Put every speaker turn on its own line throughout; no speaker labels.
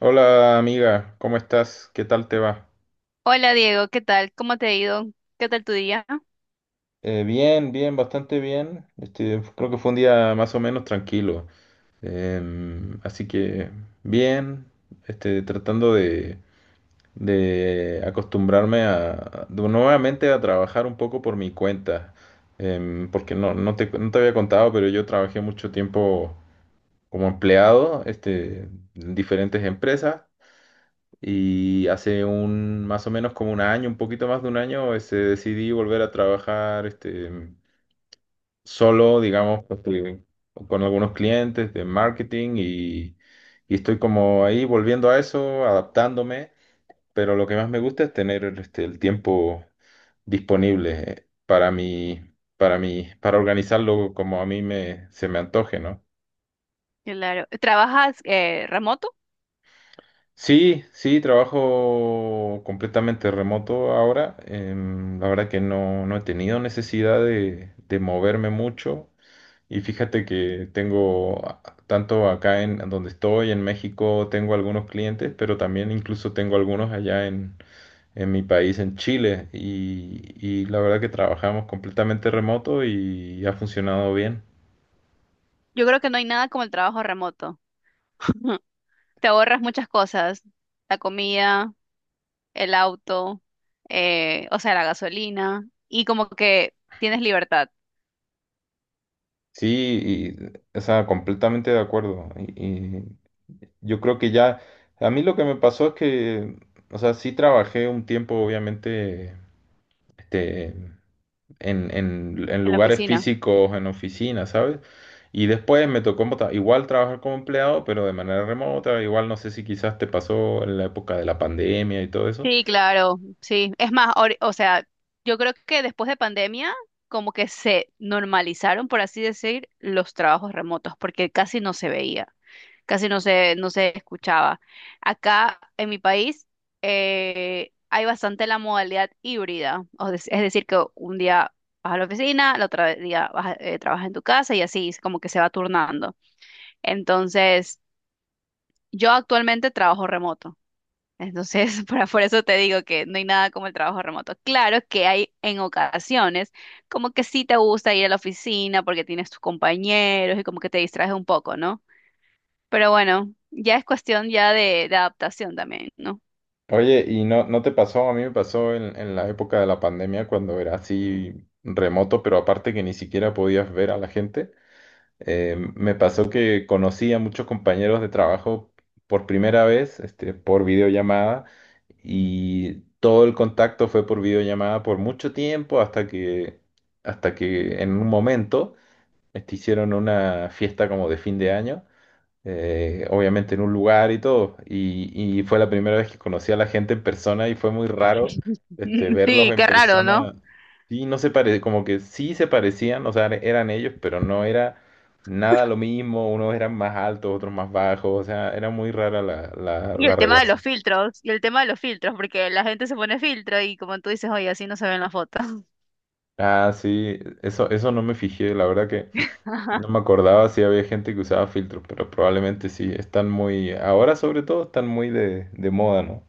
Hola amiga, ¿cómo estás? ¿Qué tal te va?
Hola Diego, ¿qué tal? ¿Cómo te ha ido? ¿Qué tal tu día?
Bien, bien, bastante bien. Este, creo que fue un día más o menos tranquilo. Así que bien, este, tratando de acostumbrarme a, nuevamente a trabajar un poco por mi cuenta. Porque no te había contado, pero yo trabajé mucho tiempo como empleado, este, en diferentes empresas. Y hace un, más o menos como un año, un poquito más de un año, este, decidí volver a trabajar este, solo, digamos, este, con algunos clientes de marketing y estoy como ahí volviendo a eso, adaptándome, pero lo que más me gusta es tener este, el tiempo disponible para mí, para mí, para organizarlo como a mí me, se me antoje, ¿no?
Claro. ¿Trabajas remoto?
Sí, sí, trabajo completamente remoto ahora. La verdad que no, no he tenido necesidad de moverme mucho. Y fíjate que tengo, tanto acá en donde estoy, en México, tengo algunos clientes, pero también incluso tengo algunos allá en mi país, en Chile. Y la verdad que trabajamos completamente remoto y ha funcionado bien.
Yo creo que no hay nada como el trabajo remoto. Te ahorras muchas cosas, la comida, el auto, o sea, la gasolina, y como que tienes libertad
Sí, y, o sea, completamente de acuerdo. Y, yo creo que ya, a mí lo que me pasó es que, o sea, sí trabajé un tiempo, obviamente, este, en, en
en la
lugares
oficina.
físicos, en oficinas, ¿sabes? Y después me tocó igual trabajar como empleado, pero de manera remota, igual no sé si quizás te pasó en la época de la pandemia y todo eso.
Sí, claro, sí. Es más, o sea, yo creo que después de pandemia, como que se normalizaron, por así decir, los trabajos remotos, porque casi no se veía. Casi no se escuchaba. Acá en mi país hay bastante la modalidad híbrida, es decir, que un día vas a la oficina, el otro día trabajas en tu casa y así es como que se va turnando. Entonces, yo actualmente trabajo remoto. Entonces, por eso te digo que no hay nada como el trabajo remoto. Claro que hay en ocasiones como que sí te gusta ir a la oficina porque tienes tus compañeros y como que te distraes un poco, ¿no? Pero bueno, ya es cuestión ya de adaptación también, ¿no?
Oye, ¿y no, no te pasó? A mí me pasó en la época de la pandemia cuando era así remoto, pero aparte que ni siquiera podías ver a la gente. Me pasó que conocí a muchos compañeros de trabajo por primera vez, este, por videollamada, y todo el contacto fue por videollamada por mucho tiempo hasta que en un momento este, hicieron una fiesta como de fin de año obviamente en un lugar y todo. Y fue la primera vez que conocí a la gente en persona y fue muy raro este, verlos
Sí,
en
qué raro, ¿no?
persona. Sí, no se pare, como que sí se parecían, o sea, eran ellos, pero no era nada lo mismo. Unos eran más altos, otros más bajos, o sea, era muy rara la, la,
Y
la
el tema de los
relación.
filtros, y el tema de los filtros, porque la gente se pone filtro y como tú dices, oye, así no se ven las fotos.
Ah, sí, eso no me fijé, la verdad que
Ajá.
no me acordaba si había gente que usaba filtros, pero probablemente sí, están muy, ahora sobre todo están muy de moda, ¿no?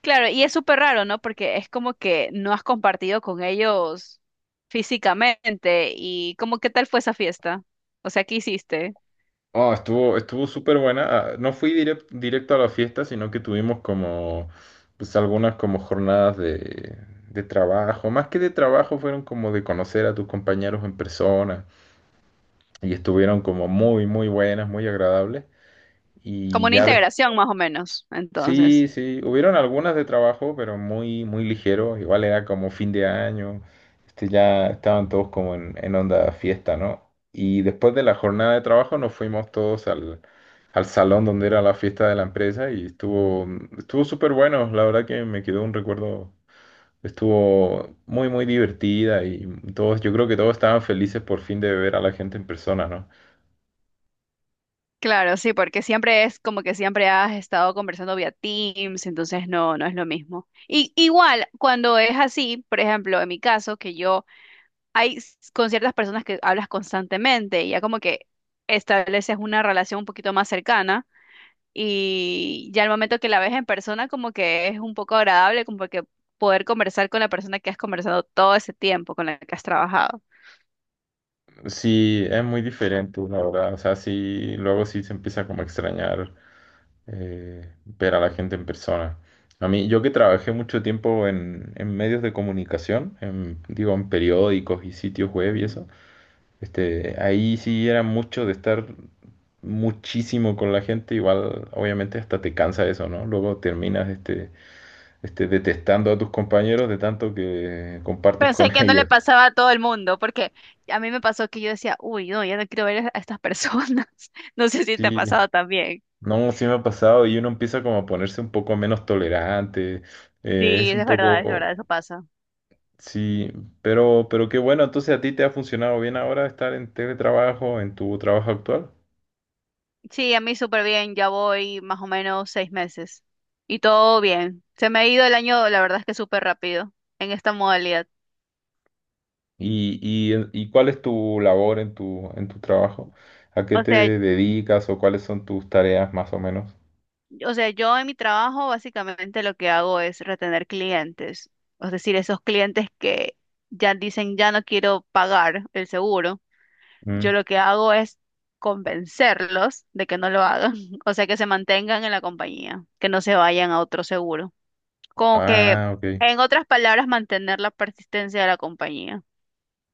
Claro, y es súper raro, ¿no? Porque es como que no has compartido con ellos físicamente y como qué tal fue esa fiesta. O sea, ¿qué hiciste?
Oh, estuvo, estuvo súper buena. Ah, no fui directo a la fiesta, sino que tuvimos como, pues algunas como jornadas de trabajo. Más que de trabajo, fueron como de conocer a tus compañeros en persona. Y estuvieron como muy, muy buenas, muy agradables.
Como
Y
una
ya
integración más o menos,
sí,
entonces.
sí, hubieron algunas de trabajo, pero muy, muy ligero. Igual era como fin de año, este, ya estaban todos como en onda fiesta, ¿no? Y después de la jornada de trabajo nos fuimos todos al, al salón donde era la fiesta de la empresa y estuvo, estuvo súper bueno. La verdad que me quedó un recuerdo, estuvo muy, muy divertida y todos, yo creo que todos estaban felices por fin de ver a la gente en persona, ¿no?
Claro, sí, porque siempre es como que siempre has estado conversando vía Teams, entonces no es lo mismo. Y igual, cuando es así, por ejemplo, en mi caso, que yo con ciertas personas que hablas constantemente, y ya como que estableces una relación un poquito más cercana y ya al momento que la ves en persona como que es un poco agradable, como que poder conversar con la persona que has conversado todo ese tiempo, con la que has trabajado.
Sí, es muy diferente, la verdad. O sea, sí, luego sí se empieza como a extrañar ver a la gente en persona. A mí, yo que trabajé mucho tiempo en medios de comunicación, en, digo, en periódicos y sitios web y eso, este, ahí sí era mucho de estar muchísimo con la gente, igual obviamente hasta te cansa eso, ¿no? Luego terminas este, detestando a tus compañeros de tanto que compartes
Pensé
con
que no le
ellos.
pasaba a todo el mundo, porque a mí me pasó que yo decía, uy, no, ya no quiero ver a estas personas. No sé si te ha
Sí,
pasado también.
no, sí me ha pasado y uno empieza como a ponerse un poco menos tolerante,
Sí,
es un
es
poco,
verdad, eso pasa.
sí, pero qué bueno, entonces a ti te ha funcionado bien ahora estar en teletrabajo, en tu trabajo actual.
Sí, a mí súper bien, ya voy más o menos 6 meses. Y todo bien. Se me ha ido el año, la verdad es que súper rápido en esta modalidad.
Y cuál es tu labor en tu trabajo? ¿A qué
O
te
sea,
dedicas o cuáles son tus tareas más o menos?
o sea, yo en mi trabajo básicamente lo que hago es retener clientes. Es decir, esos clientes que ya dicen, ya no quiero pagar el seguro. Yo
Mm,
lo que hago es convencerlos de que no lo hagan, o sea, que se mantengan en la compañía, que no se vayan a otro seguro. Como que,
ah, ok.
en otras palabras, mantener la persistencia de la compañía.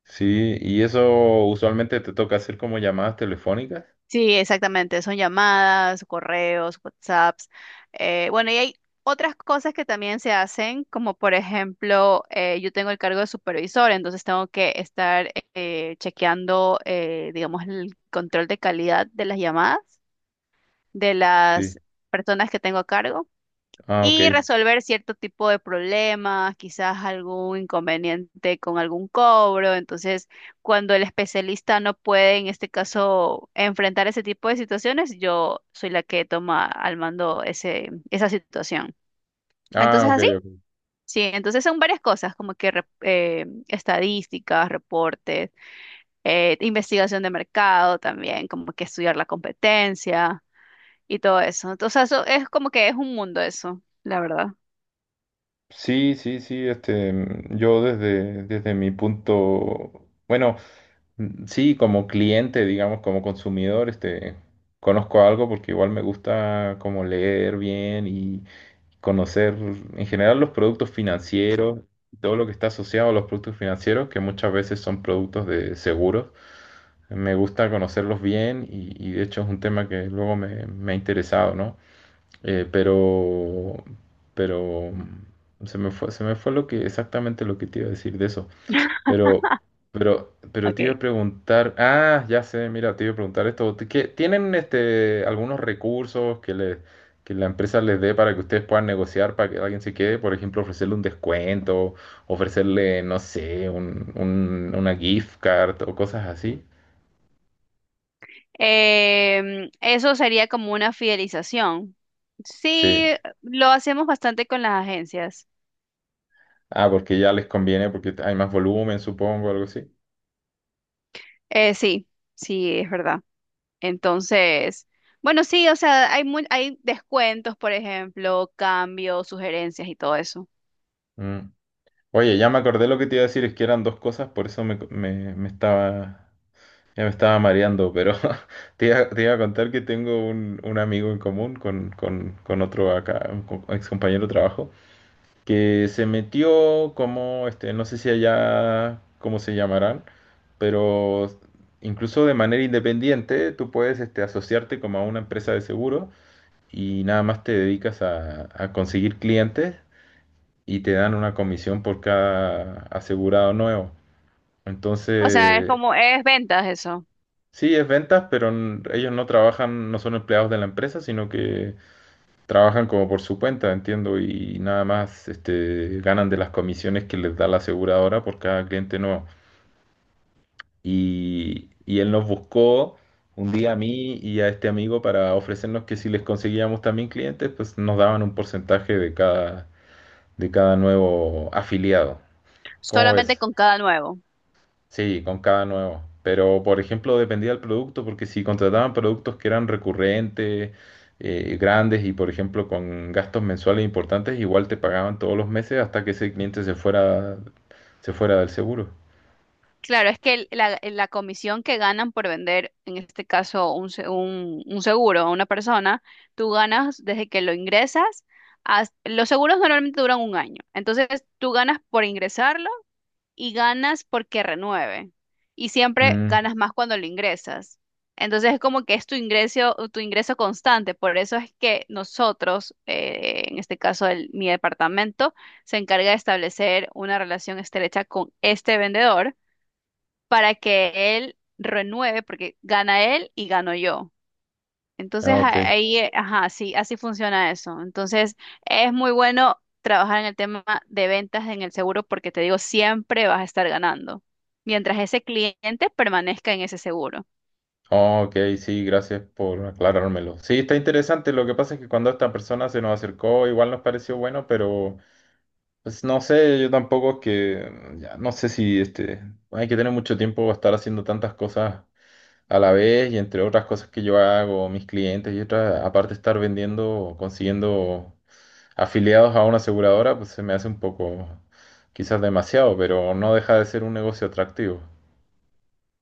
Sí, y eso usualmente te toca hacer como llamadas telefónicas.
Sí, exactamente, son llamadas, correos, WhatsApps. Bueno, y hay otras cosas que también se hacen, como por ejemplo, yo tengo el cargo de supervisor, entonces tengo que estar chequeando, digamos, el control de calidad de las llamadas. De
Sí.
las personas que tengo a cargo
Ah, ok.
y resolver cierto tipo de problemas, quizás algún inconveniente con algún cobro. Entonces, cuando el especialista no puede, en este caso, enfrentar ese tipo de situaciones, yo soy la que toma al mando esa situación.
Ah,
Entonces,
ok,
así,
ok.
sí, entonces son varias cosas, como que estadísticas, reportes, investigación de mercado también, como que estudiar la competencia y todo eso. Entonces, eso es como que es un mundo eso, la verdad.
Sí, sí, sí, este, mm, yo desde, desde mi punto, bueno, mm, sí, como cliente, digamos, como consumidor, este, conozco algo porque igual me gusta como leer bien y conocer en general los productos financieros, todo lo que está asociado a los productos financieros, que muchas veces son productos de seguros. Me gusta conocerlos bien y de hecho es un tema que luego me, me ha interesado, ¿no? Eh, pero, pero mm, se me fue lo que, exactamente lo que te iba a decir de eso. Pero, pero te iba
Ok.
a preguntar, ah, ya sé, mira, te iba a preguntar esto. ¿Tienen este algunos recursos que le, que la empresa les dé para que ustedes puedan negociar para que alguien se quede? Por ejemplo, ofrecerle un descuento, ofrecerle, no sé, un, una gift card o cosas así.
Eso sería como una fidelización. Sí,
Sí.
lo hacemos bastante con las agencias.
Ah, porque ya les conviene, porque hay más volumen, supongo, algo así.
Sí, sí, es verdad. Entonces, bueno, sí, o sea, hay descuentos, por ejemplo, cambios, sugerencias y todo eso.
Mm. Oye, ya me acordé lo que te iba a decir, es que eran dos cosas, por eso me, me estaba, ya me estaba mareando, pero te iba a contar que tengo un amigo en común con otro acá, un ex compañero de trabajo, que se metió como, este, no sé si allá, cómo se llamarán, pero incluso de manera independiente tú puedes, este, asociarte como a una empresa de seguro y nada más te dedicas a conseguir clientes y te dan una comisión por cada asegurado nuevo.
O sea, es
Entonces,
como, es ventas eso,
sí, es ventas, pero ellos no trabajan, no son empleados de la empresa, sino que trabajan como por su cuenta, entiendo, y nada más este, ganan de las comisiones que les da la aseguradora por cada cliente nuevo. Y él nos buscó un día a mí y a este amigo para ofrecernos que si les conseguíamos también clientes, pues nos daban un porcentaje de cada nuevo afiliado. ¿Cómo
solamente
ves?
con cada nuevo.
Sí, con cada nuevo. Pero, por ejemplo, dependía del producto, porque si contrataban productos que eran recurrentes, grandes y, por ejemplo, con gastos mensuales importantes, igual te pagaban todos los meses hasta que ese cliente se fuera del seguro.
Claro, es que la comisión que ganan por vender, en este caso, un seguro a una persona, tú ganas desde que lo ingresas. Los seguros normalmente duran un año. Entonces, tú ganas por ingresarlo y ganas porque renueve. Y siempre
Mm,
ganas más cuando lo ingresas. Entonces, es como que es tu ingreso, constante. Por eso es que nosotros, en este caso, mi departamento, se encarga de establecer una relación estrecha con este vendedor para que él renueve, porque gana él y gano yo. Entonces
ah, ok.
ahí, ajá, sí, así funciona eso. Entonces es muy bueno trabajar en el tema de ventas en el seguro porque te digo, siempre vas a estar ganando mientras ese cliente permanezca en ese seguro.
Ah, ok, sí, gracias por aclarármelo. Sí, está interesante. Lo que pasa es que cuando esta persona se nos acercó, igual nos pareció bueno, pero pues no sé, yo tampoco es que, ya, no sé si este, hay que tener mucho tiempo para estar haciendo tantas cosas a la vez y entre otras cosas que yo hago, mis clientes y otras, aparte de estar vendiendo, consiguiendo afiliados a una aseguradora, pues se me hace un poco, quizás demasiado, pero no deja de ser un negocio atractivo.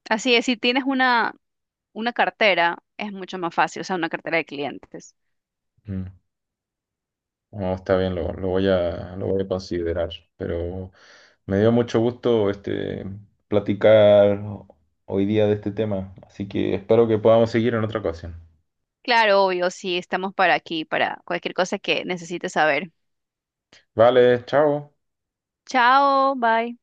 Así es, si tienes una cartera, es mucho más fácil, o sea, una cartera de clientes.
Mm. No, está bien, lo voy a considerar, pero me dio mucho gusto este, platicar hoy día de este tema, así que espero que podamos seguir en otra ocasión.
Claro, obvio, sí, estamos para aquí, para cualquier cosa que necesites saber.
Vale, chao.
Chao, bye.